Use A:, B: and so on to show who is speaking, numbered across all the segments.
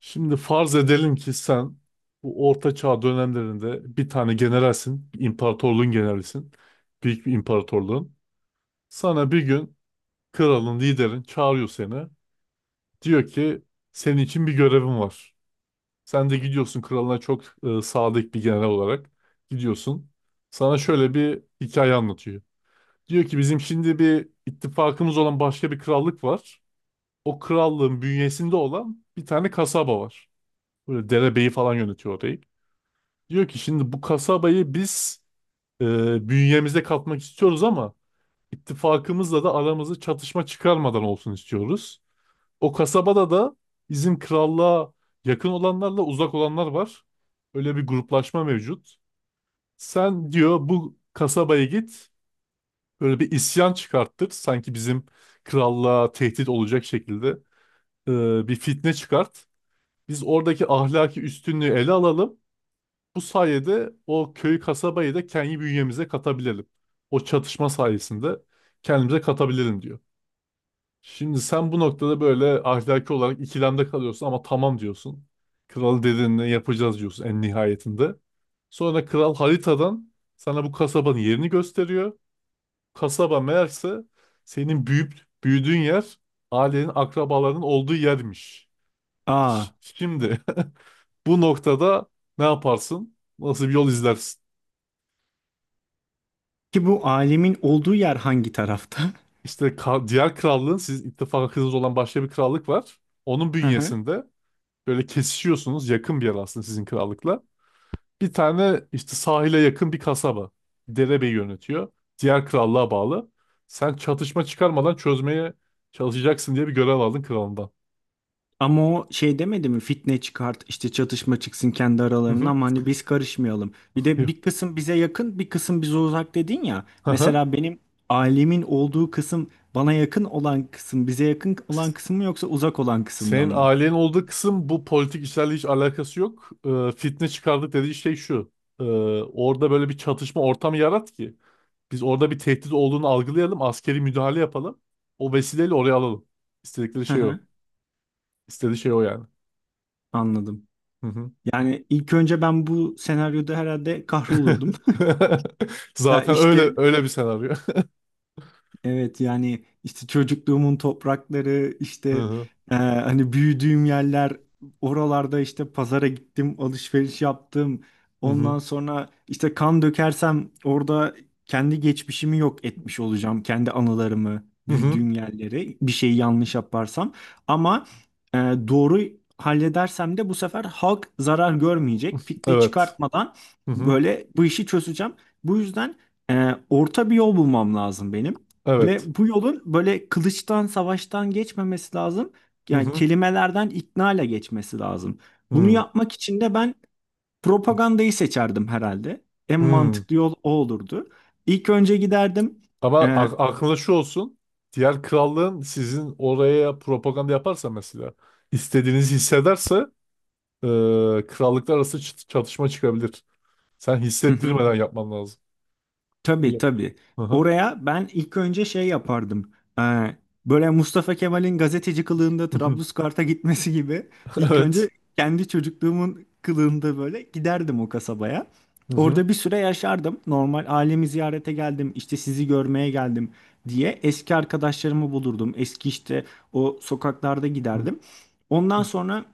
A: Şimdi farz edelim ki sen bu Orta Çağ dönemlerinde bir tane generalsin, bir imparatorluğun generalisin, büyük bir imparatorluğun. Sana bir gün kralın, liderin çağırıyor seni. Diyor ki senin için bir görevim var. Sen de gidiyorsun kralına çok sadık bir general olarak gidiyorsun. Sana şöyle bir hikaye anlatıyor. Diyor ki bizim şimdi bir ittifakımız olan başka bir krallık var. O krallığın bünyesinde olan bir tane kasaba var. Böyle derebeyi falan yönetiyor orayı. Diyor ki şimdi bu kasabayı biz bünyemizde katmak istiyoruz ama ittifakımızla da aramızda çatışma çıkarmadan olsun istiyoruz. O kasabada da bizim krallığa yakın olanlarla uzak olanlar var. Öyle bir gruplaşma mevcut. Sen diyor bu kasabaya git, böyle bir isyan çıkarttır. Sanki bizim krallığa tehdit olacak şekilde bir fitne çıkart. Biz oradaki ahlaki üstünlüğü ele alalım. Bu sayede o köy kasabayı da kendi bünyemize katabilelim. O çatışma sayesinde kendimize katabilelim diyor. Şimdi sen bu noktada böyle ahlaki olarak ikilemde kalıyorsun ama tamam diyorsun. Kral dediğini yapacağız diyorsun en nihayetinde. Sonra kral haritadan sana bu kasabanın yerini gösteriyor. Kasaba meğerse senin büyüyüp büyüdüğün yer, ailenin akrabalarının olduğu yermiş.
B: Aa,
A: Şimdi bu noktada ne yaparsın? Nasıl bir yol izlersin?
B: ki bu alemin olduğu yer hangi tarafta?
A: İşte diğer krallığın sizin ittifakınız olan başka bir krallık var. Onun
B: Hı hı.
A: bünyesinde böyle kesişiyorsunuz, yakın bir yer aslında sizin krallıkla. Bir tane işte sahile yakın bir kasaba. Derebeyi yönetiyor. Diğer krallığa bağlı. Sen çatışma çıkarmadan çözmeye çalışacaksın diye bir görev aldın kralından.
B: Ama o şey demedi mi? Fitne çıkart, işte çatışma çıksın kendi
A: Hı
B: aralarına
A: hı.
B: ama hani biz karışmayalım. Bir de
A: Yo.
B: bir kısım bize yakın, bir kısım bize uzak dedin ya.
A: Hı hı.
B: Mesela benim alemin olduğu kısım bana yakın olan kısım, bize yakın olan kısım mı yoksa uzak olan kısımdan
A: Senin
B: mı?
A: ailenin olduğu kısım bu politik işlerle hiç alakası yok. Fitne çıkardık dediği şey şu. Ee, Orada böyle bir çatışma ortamı yarat ki. Biz orada bir tehdit olduğunu algılayalım. Askeri müdahale yapalım. O vesileyle oraya alalım. İstedikleri
B: Hı
A: şey o.
B: hı,
A: İstediği şey o yani.
B: anladım.
A: Hı hı.
B: Yani ilk önce ben bu senaryoda herhalde kahrolurdum. Ya
A: Zaten öyle
B: işte,
A: öyle bir senaryo.
B: evet yani işte çocukluğumun toprakları
A: Hı
B: işte
A: hı.
B: hani büyüdüğüm yerler, oralarda işte pazara gittim, alışveriş yaptım.
A: Hı hı.
B: Ondan sonra işte kan dökersem orada kendi geçmişimi yok etmiş olacağım. Kendi anılarımı,
A: Hı hı.
B: büyüdüğüm yerleri, bir şeyi yanlış yaparsam. Ama doğru halledersem de bu sefer halk zarar görmeyecek. Fitne
A: Evet.
B: çıkartmadan
A: Hı hı.
B: böyle bu işi çözeceğim. Bu yüzden orta bir yol bulmam lazım benim.
A: Evet.
B: Ve bu yolun böyle kılıçtan, savaştan geçmemesi lazım.
A: Hı
B: Yani
A: hı.
B: kelimelerden, ikna ile geçmesi lazım. Bunu
A: Hı.
B: yapmak için de ben propagandayı seçerdim herhalde. En
A: Hı.
B: mantıklı yol o olurdu. İlk önce giderdim.
A: Ama
B: E,
A: aklında şu olsun. Diğer krallığın sizin oraya propaganda yaparsa mesela, istediğinizi hissederse, e, krallıklar arası çatışma çıkabilir. Sen hissettirmeden yapman lazım.
B: Tabii,
A: Öyle.
B: tabii.
A: Hı hı.
B: Oraya ben ilk önce şey yapardım. Ee, böyle Mustafa Kemal'in gazeteci kılığında Trablusgarp'a gitmesi gibi ilk önce
A: Evet.
B: kendi çocukluğumun kılığında böyle giderdim o kasabaya.
A: Hı hı.
B: Orada bir süre yaşardım. Normal ailemi ziyarete geldim, işte sizi görmeye geldim diye eski arkadaşlarımı bulurdum. Eski işte o sokaklarda
A: Hı
B: giderdim. Ondan
A: hı.
B: sonra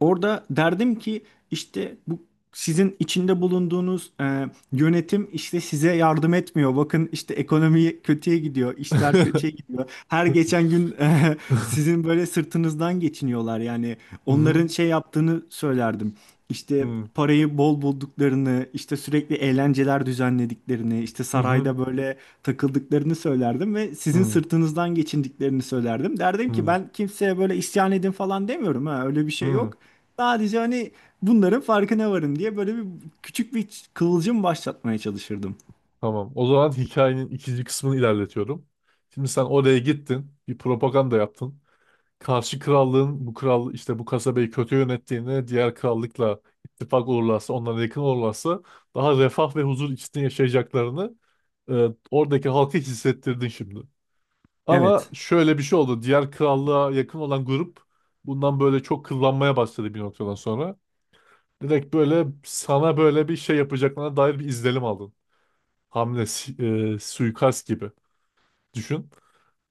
B: orada derdim ki işte bu sizin içinde bulunduğunuz yönetim işte size yardım etmiyor. Bakın işte ekonomi kötüye gidiyor, işler kötüye gidiyor. Her geçen gün sizin böyle sırtınızdan geçiniyorlar. Yani
A: Hı hı.
B: onların şey yaptığını söylerdim.
A: Hı
B: İşte
A: hı.
B: parayı bol bulduklarını, işte sürekli eğlenceler düzenlediklerini, işte sarayda böyle takıldıklarını söylerdim ve
A: Hı
B: sizin
A: hı.
B: sırtınızdan geçindiklerini söylerdim. Derdim ki
A: Hı
B: ben kimseye böyle isyan edin falan demiyorum, ha öyle bir şey
A: hı.
B: yok. Sadece hani bunların farkına varın diye böyle bir küçük bir kıvılcım başlatmaya çalışırdım.
A: Tamam. O zaman hikayenin ikinci kısmını ilerletiyorum. Şimdi sen oraya gittin, bir propaganda yaptın. Karşı krallığın bu kral işte bu kasabayı kötü yönettiğini, diğer krallıkla ittifak olurlarsa, onlara yakın olurlarsa daha refah ve huzur içinde yaşayacaklarını oradaki halka hissettirdin şimdi. Ama
B: Evet.
A: şöyle bir şey oldu. Diğer krallığa yakın olan grup bundan böyle çok kıllanmaya başladı bir noktadan sonra. Direkt böyle sana böyle bir şey yapacaklarına dair bir izlenim aldın. Hamle, suikast gibi düşün.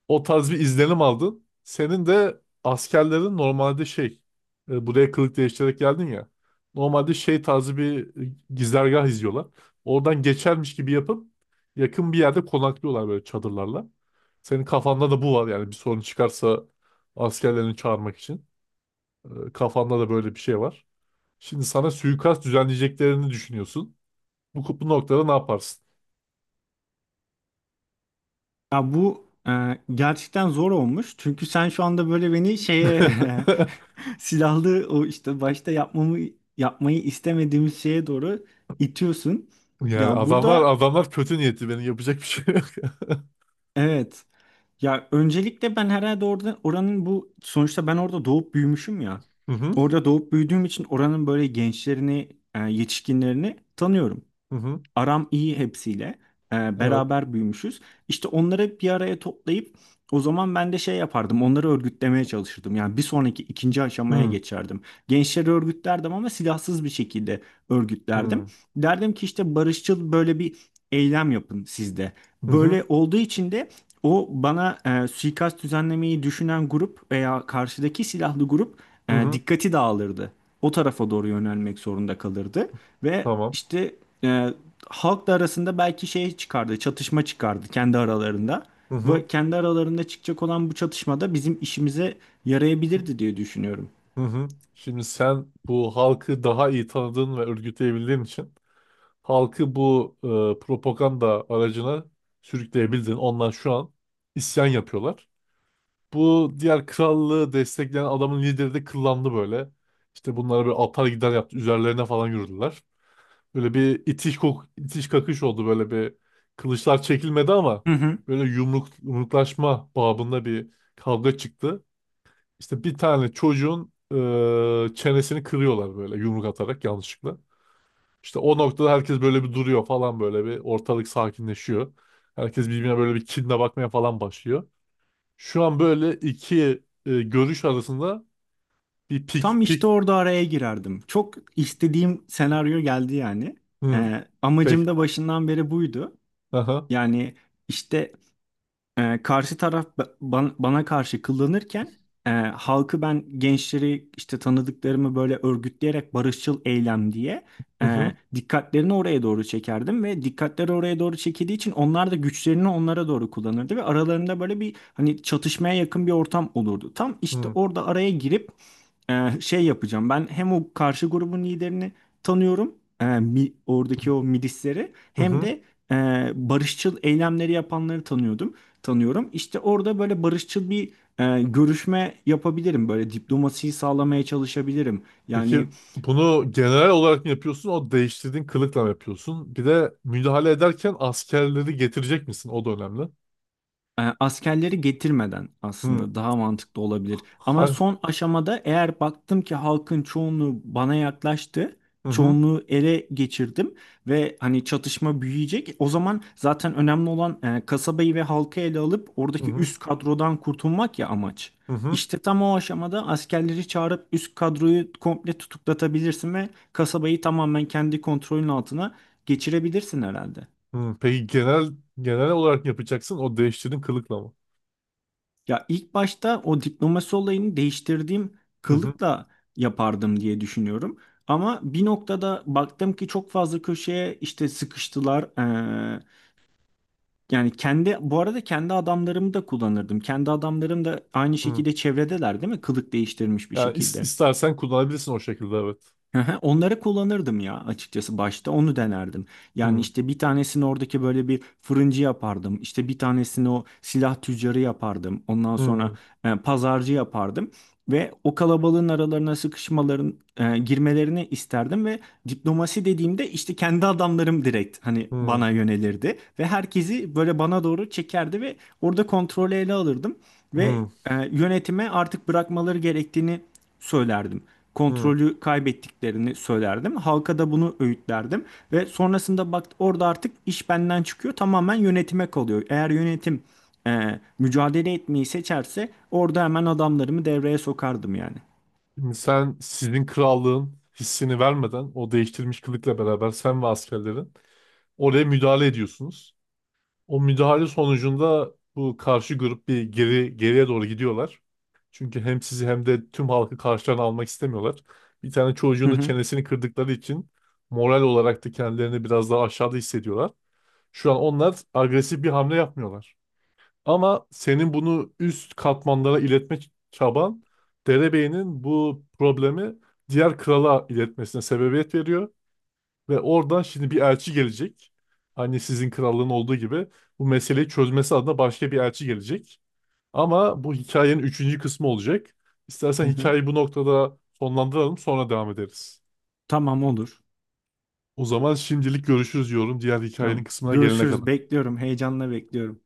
A: O tarz bir izlenim aldın. Senin de askerlerin normalde şey, buraya kılık değiştirerek geldin ya. Normalde şey tarzı bir gizlergah izliyorlar. Oradan geçermiş gibi yapıp yakın bir yerde konaklıyorlar böyle çadırlarla. Senin kafanda da bu var yani bir sorun çıkarsa askerlerini çağırmak için. Kafanda da böyle bir şey var. Şimdi sana suikast düzenleyeceklerini düşünüyorsun. Bu noktada ne yaparsın?
B: Ya bu gerçekten zor olmuş. Çünkü sen şu anda böyle beni şeye silahlı, o işte başta yapmayı istemediğimiz şeye doğru itiyorsun.
A: Yani
B: Ya burada,
A: adamlar kötü niyetli, benim yapacak bir şey yok.
B: evet. Ya öncelikle ben herhalde orada oranın bu sonuçta ben orada doğup büyümüşüm ya.
A: Hı hı.
B: Orada doğup büyüdüğüm için oranın böyle gençlerini, yetişkinlerini tanıyorum.
A: Hı hı.
B: Aram iyi hepsiyle.
A: Evet.
B: Beraber büyümüşüz. İşte onları bir araya toplayıp o zaman ben de şey yapardım. Onları örgütlemeye çalışırdım. Yani bir sonraki ikinci
A: Hı
B: aşamaya
A: hı.
B: geçerdim. Gençleri örgütlerdim ama silahsız bir şekilde örgütlerdim. Derdim ki işte barışçıl böyle bir eylem yapın sizde.
A: Hı hı.
B: Böyle olduğu için de o bana suikast düzenlemeyi düşünen grup veya karşıdaki silahlı grup,
A: Hı hı.
B: dikkati dağılırdı. O tarafa doğru yönelmek zorunda kalırdı ve
A: Tamam.
B: işte e, halk da arasında belki şey çıkardı, çatışma çıkardı kendi aralarında.
A: Hı hı.
B: Ve kendi aralarında çıkacak olan bu çatışmada bizim işimize yarayabilirdi diye düşünüyorum.
A: Hı hı. Şimdi sen bu halkı daha iyi tanıdığın ve örgütleyebildiğin için halkı bu propaganda aracına sürükleyebildin. Onlar şu an isyan yapıyorlar. Bu diğer krallığı destekleyen adamın lideri de kıllandı böyle. İşte bunlara bir atar gider yaptı. Üzerlerine falan yürüdüler. Böyle bir itiş kakış oldu, böyle bir, kılıçlar çekilmedi ama
B: Hı hı.
A: böyle yumruk, yumruklaşma babında bir kavga çıktı. İşte bir tane çocuğun çenesini kırıyorlar böyle yumruk atarak yanlışlıkla. İşte o noktada herkes böyle bir duruyor falan, böyle bir ortalık sakinleşiyor. Herkes birbirine böyle bir kinle bakmaya falan başlıyor. Şu an böyle iki görüş arasında bir
B: Tam işte
A: pik.
B: orada araya girerdim. Çok istediğim senaryo geldi yani.
A: Hı,
B: Amacım
A: pek,
B: da başından beri buydu.
A: aha.
B: Yani işte karşı taraf bana karşı kullanırken, halkı ben gençleri işte tanıdıklarımı böyle örgütleyerek barışçıl eylem diye
A: Hı hı.
B: dikkatlerini oraya doğru çekerdim ve dikkatleri oraya doğru çekildiği için onlar da güçlerini onlara doğru kullanırdı ve aralarında böyle bir hani çatışmaya yakın bir ortam olurdu. Tam işte
A: Hı
B: orada araya girip şey yapacağım. Ben hem o karşı grubun liderini tanıyorum, oradaki o milisleri hem
A: hı.
B: de e, barışçıl eylemleri yapanları tanıyorum. İşte orada böyle barışçıl bir görüşme yapabilirim. Böyle diplomasiyi sağlamaya çalışabilirim.
A: Peki
B: Yani
A: bunu genel olarak mı yapıyorsun? O değiştirdiğin kılıkla mı yapıyorsun? Bir de müdahale ederken askerleri getirecek misin? O da önemli.
B: E, askerleri getirmeden
A: Hı.
B: aslında daha mantıklı olabilir. Ama
A: Ha-
B: son aşamada eğer baktım ki halkın çoğunluğu bana yaklaştı,
A: Hı hı.
B: çoğunluğu ele geçirdim ve hani çatışma büyüyecek. O zaman zaten önemli olan kasabayı ve halkı ele alıp
A: Hı
B: oradaki
A: hı.
B: üst kadrodan kurtulmak, ya amaç.
A: Hı hı.
B: İşte tam o aşamada askerleri çağırıp üst kadroyu komple tutuklatabilirsin ve kasabayı tamamen kendi kontrolün altına geçirebilirsin herhalde.
A: Hı. Peki genel olarak mı yapacaksın? O değiştirdiğin kılıkla mı?
B: Ya ilk başta o diplomasi olayını değiştirdiğim
A: Hı hı.
B: kılıkla yapardım diye düşünüyorum. Ama bir noktada baktım ki çok fazla köşeye işte sıkıştılar. Yani kendi bu arada kendi adamlarımı da kullanırdım. Kendi adamlarım da aynı
A: Hı.
B: şekilde çevredeler değil mi? Kılık değiştirmiş bir
A: Yani
B: şekilde.
A: istersen kullanabilirsin o şekilde, evet.
B: Hı hı, onları kullanırdım ya, açıkçası başta onu denerdim. Yani
A: Hı.
B: işte bir tanesini oradaki böyle bir fırıncı yapardım. İşte bir tanesini o silah tüccarı yapardım. Ondan sonra
A: Hı.
B: pazarcı yapardım. Ve o kalabalığın aralarına sıkışmaların, girmelerini isterdim ve diplomasi dediğimde işte kendi adamlarım direkt hani
A: Hı.
B: bana yönelirdi. Ve herkesi böyle bana doğru çekerdi ve orada kontrolü ele alırdım. Ve
A: Hı.
B: yönetime artık bırakmaları gerektiğini söylerdim,
A: Hı.
B: kontrolü kaybettiklerini söylerdim. Halka da bunu öğütlerdim ve sonrasında bak orada artık iş benden çıkıyor, tamamen yönetime kalıyor. Eğer yönetim mücadele etmeyi seçerse orada hemen adamlarımı devreye sokardım yani.
A: Şimdi sen sizin krallığın hissini vermeden o değiştirilmiş kılıkla beraber sen ve askerlerin oraya müdahale ediyorsunuz. O müdahale sonucunda bu karşı grup bir geri, geriye doğru gidiyorlar. Çünkü hem sizi hem de tüm halkı karşılarına almak istemiyorlar. Bir tane
B: Hı
A: çocuğun da
B: hı.
A: çenesini kırdıkları için moral olarak da kendilerini biraz daha aşağıda hissediyorlar. Şu an onlar agresif bir hamle yapmıyorlar. Ama senin bunu üst katmanlara iletme çaban, derebeyinin bu problemi diğer krala iletmesine sebebiyet veriyor. Ve oradan şimdi bir elçi gelecek. Hani sizin krallığın olduğu gibi, bu meseleyi çözmesi adına başka bir elçi gelecek. Ama bu hikayenin üçüncü kısmı olacak. İstersen
B: Hı hı.
A: hikayeyi bu noktada sonlandıralım, sonra devam ederiz.
B: Tamam, olur.
A: O zaman şimdilik görüşürüz diyorum, diğer hikayenin
B: Tamam.
A: kısmına gelene
B: Görüşürüz.
A: kadar.
B: Bekliyorum. Heyecanla bekliyorum.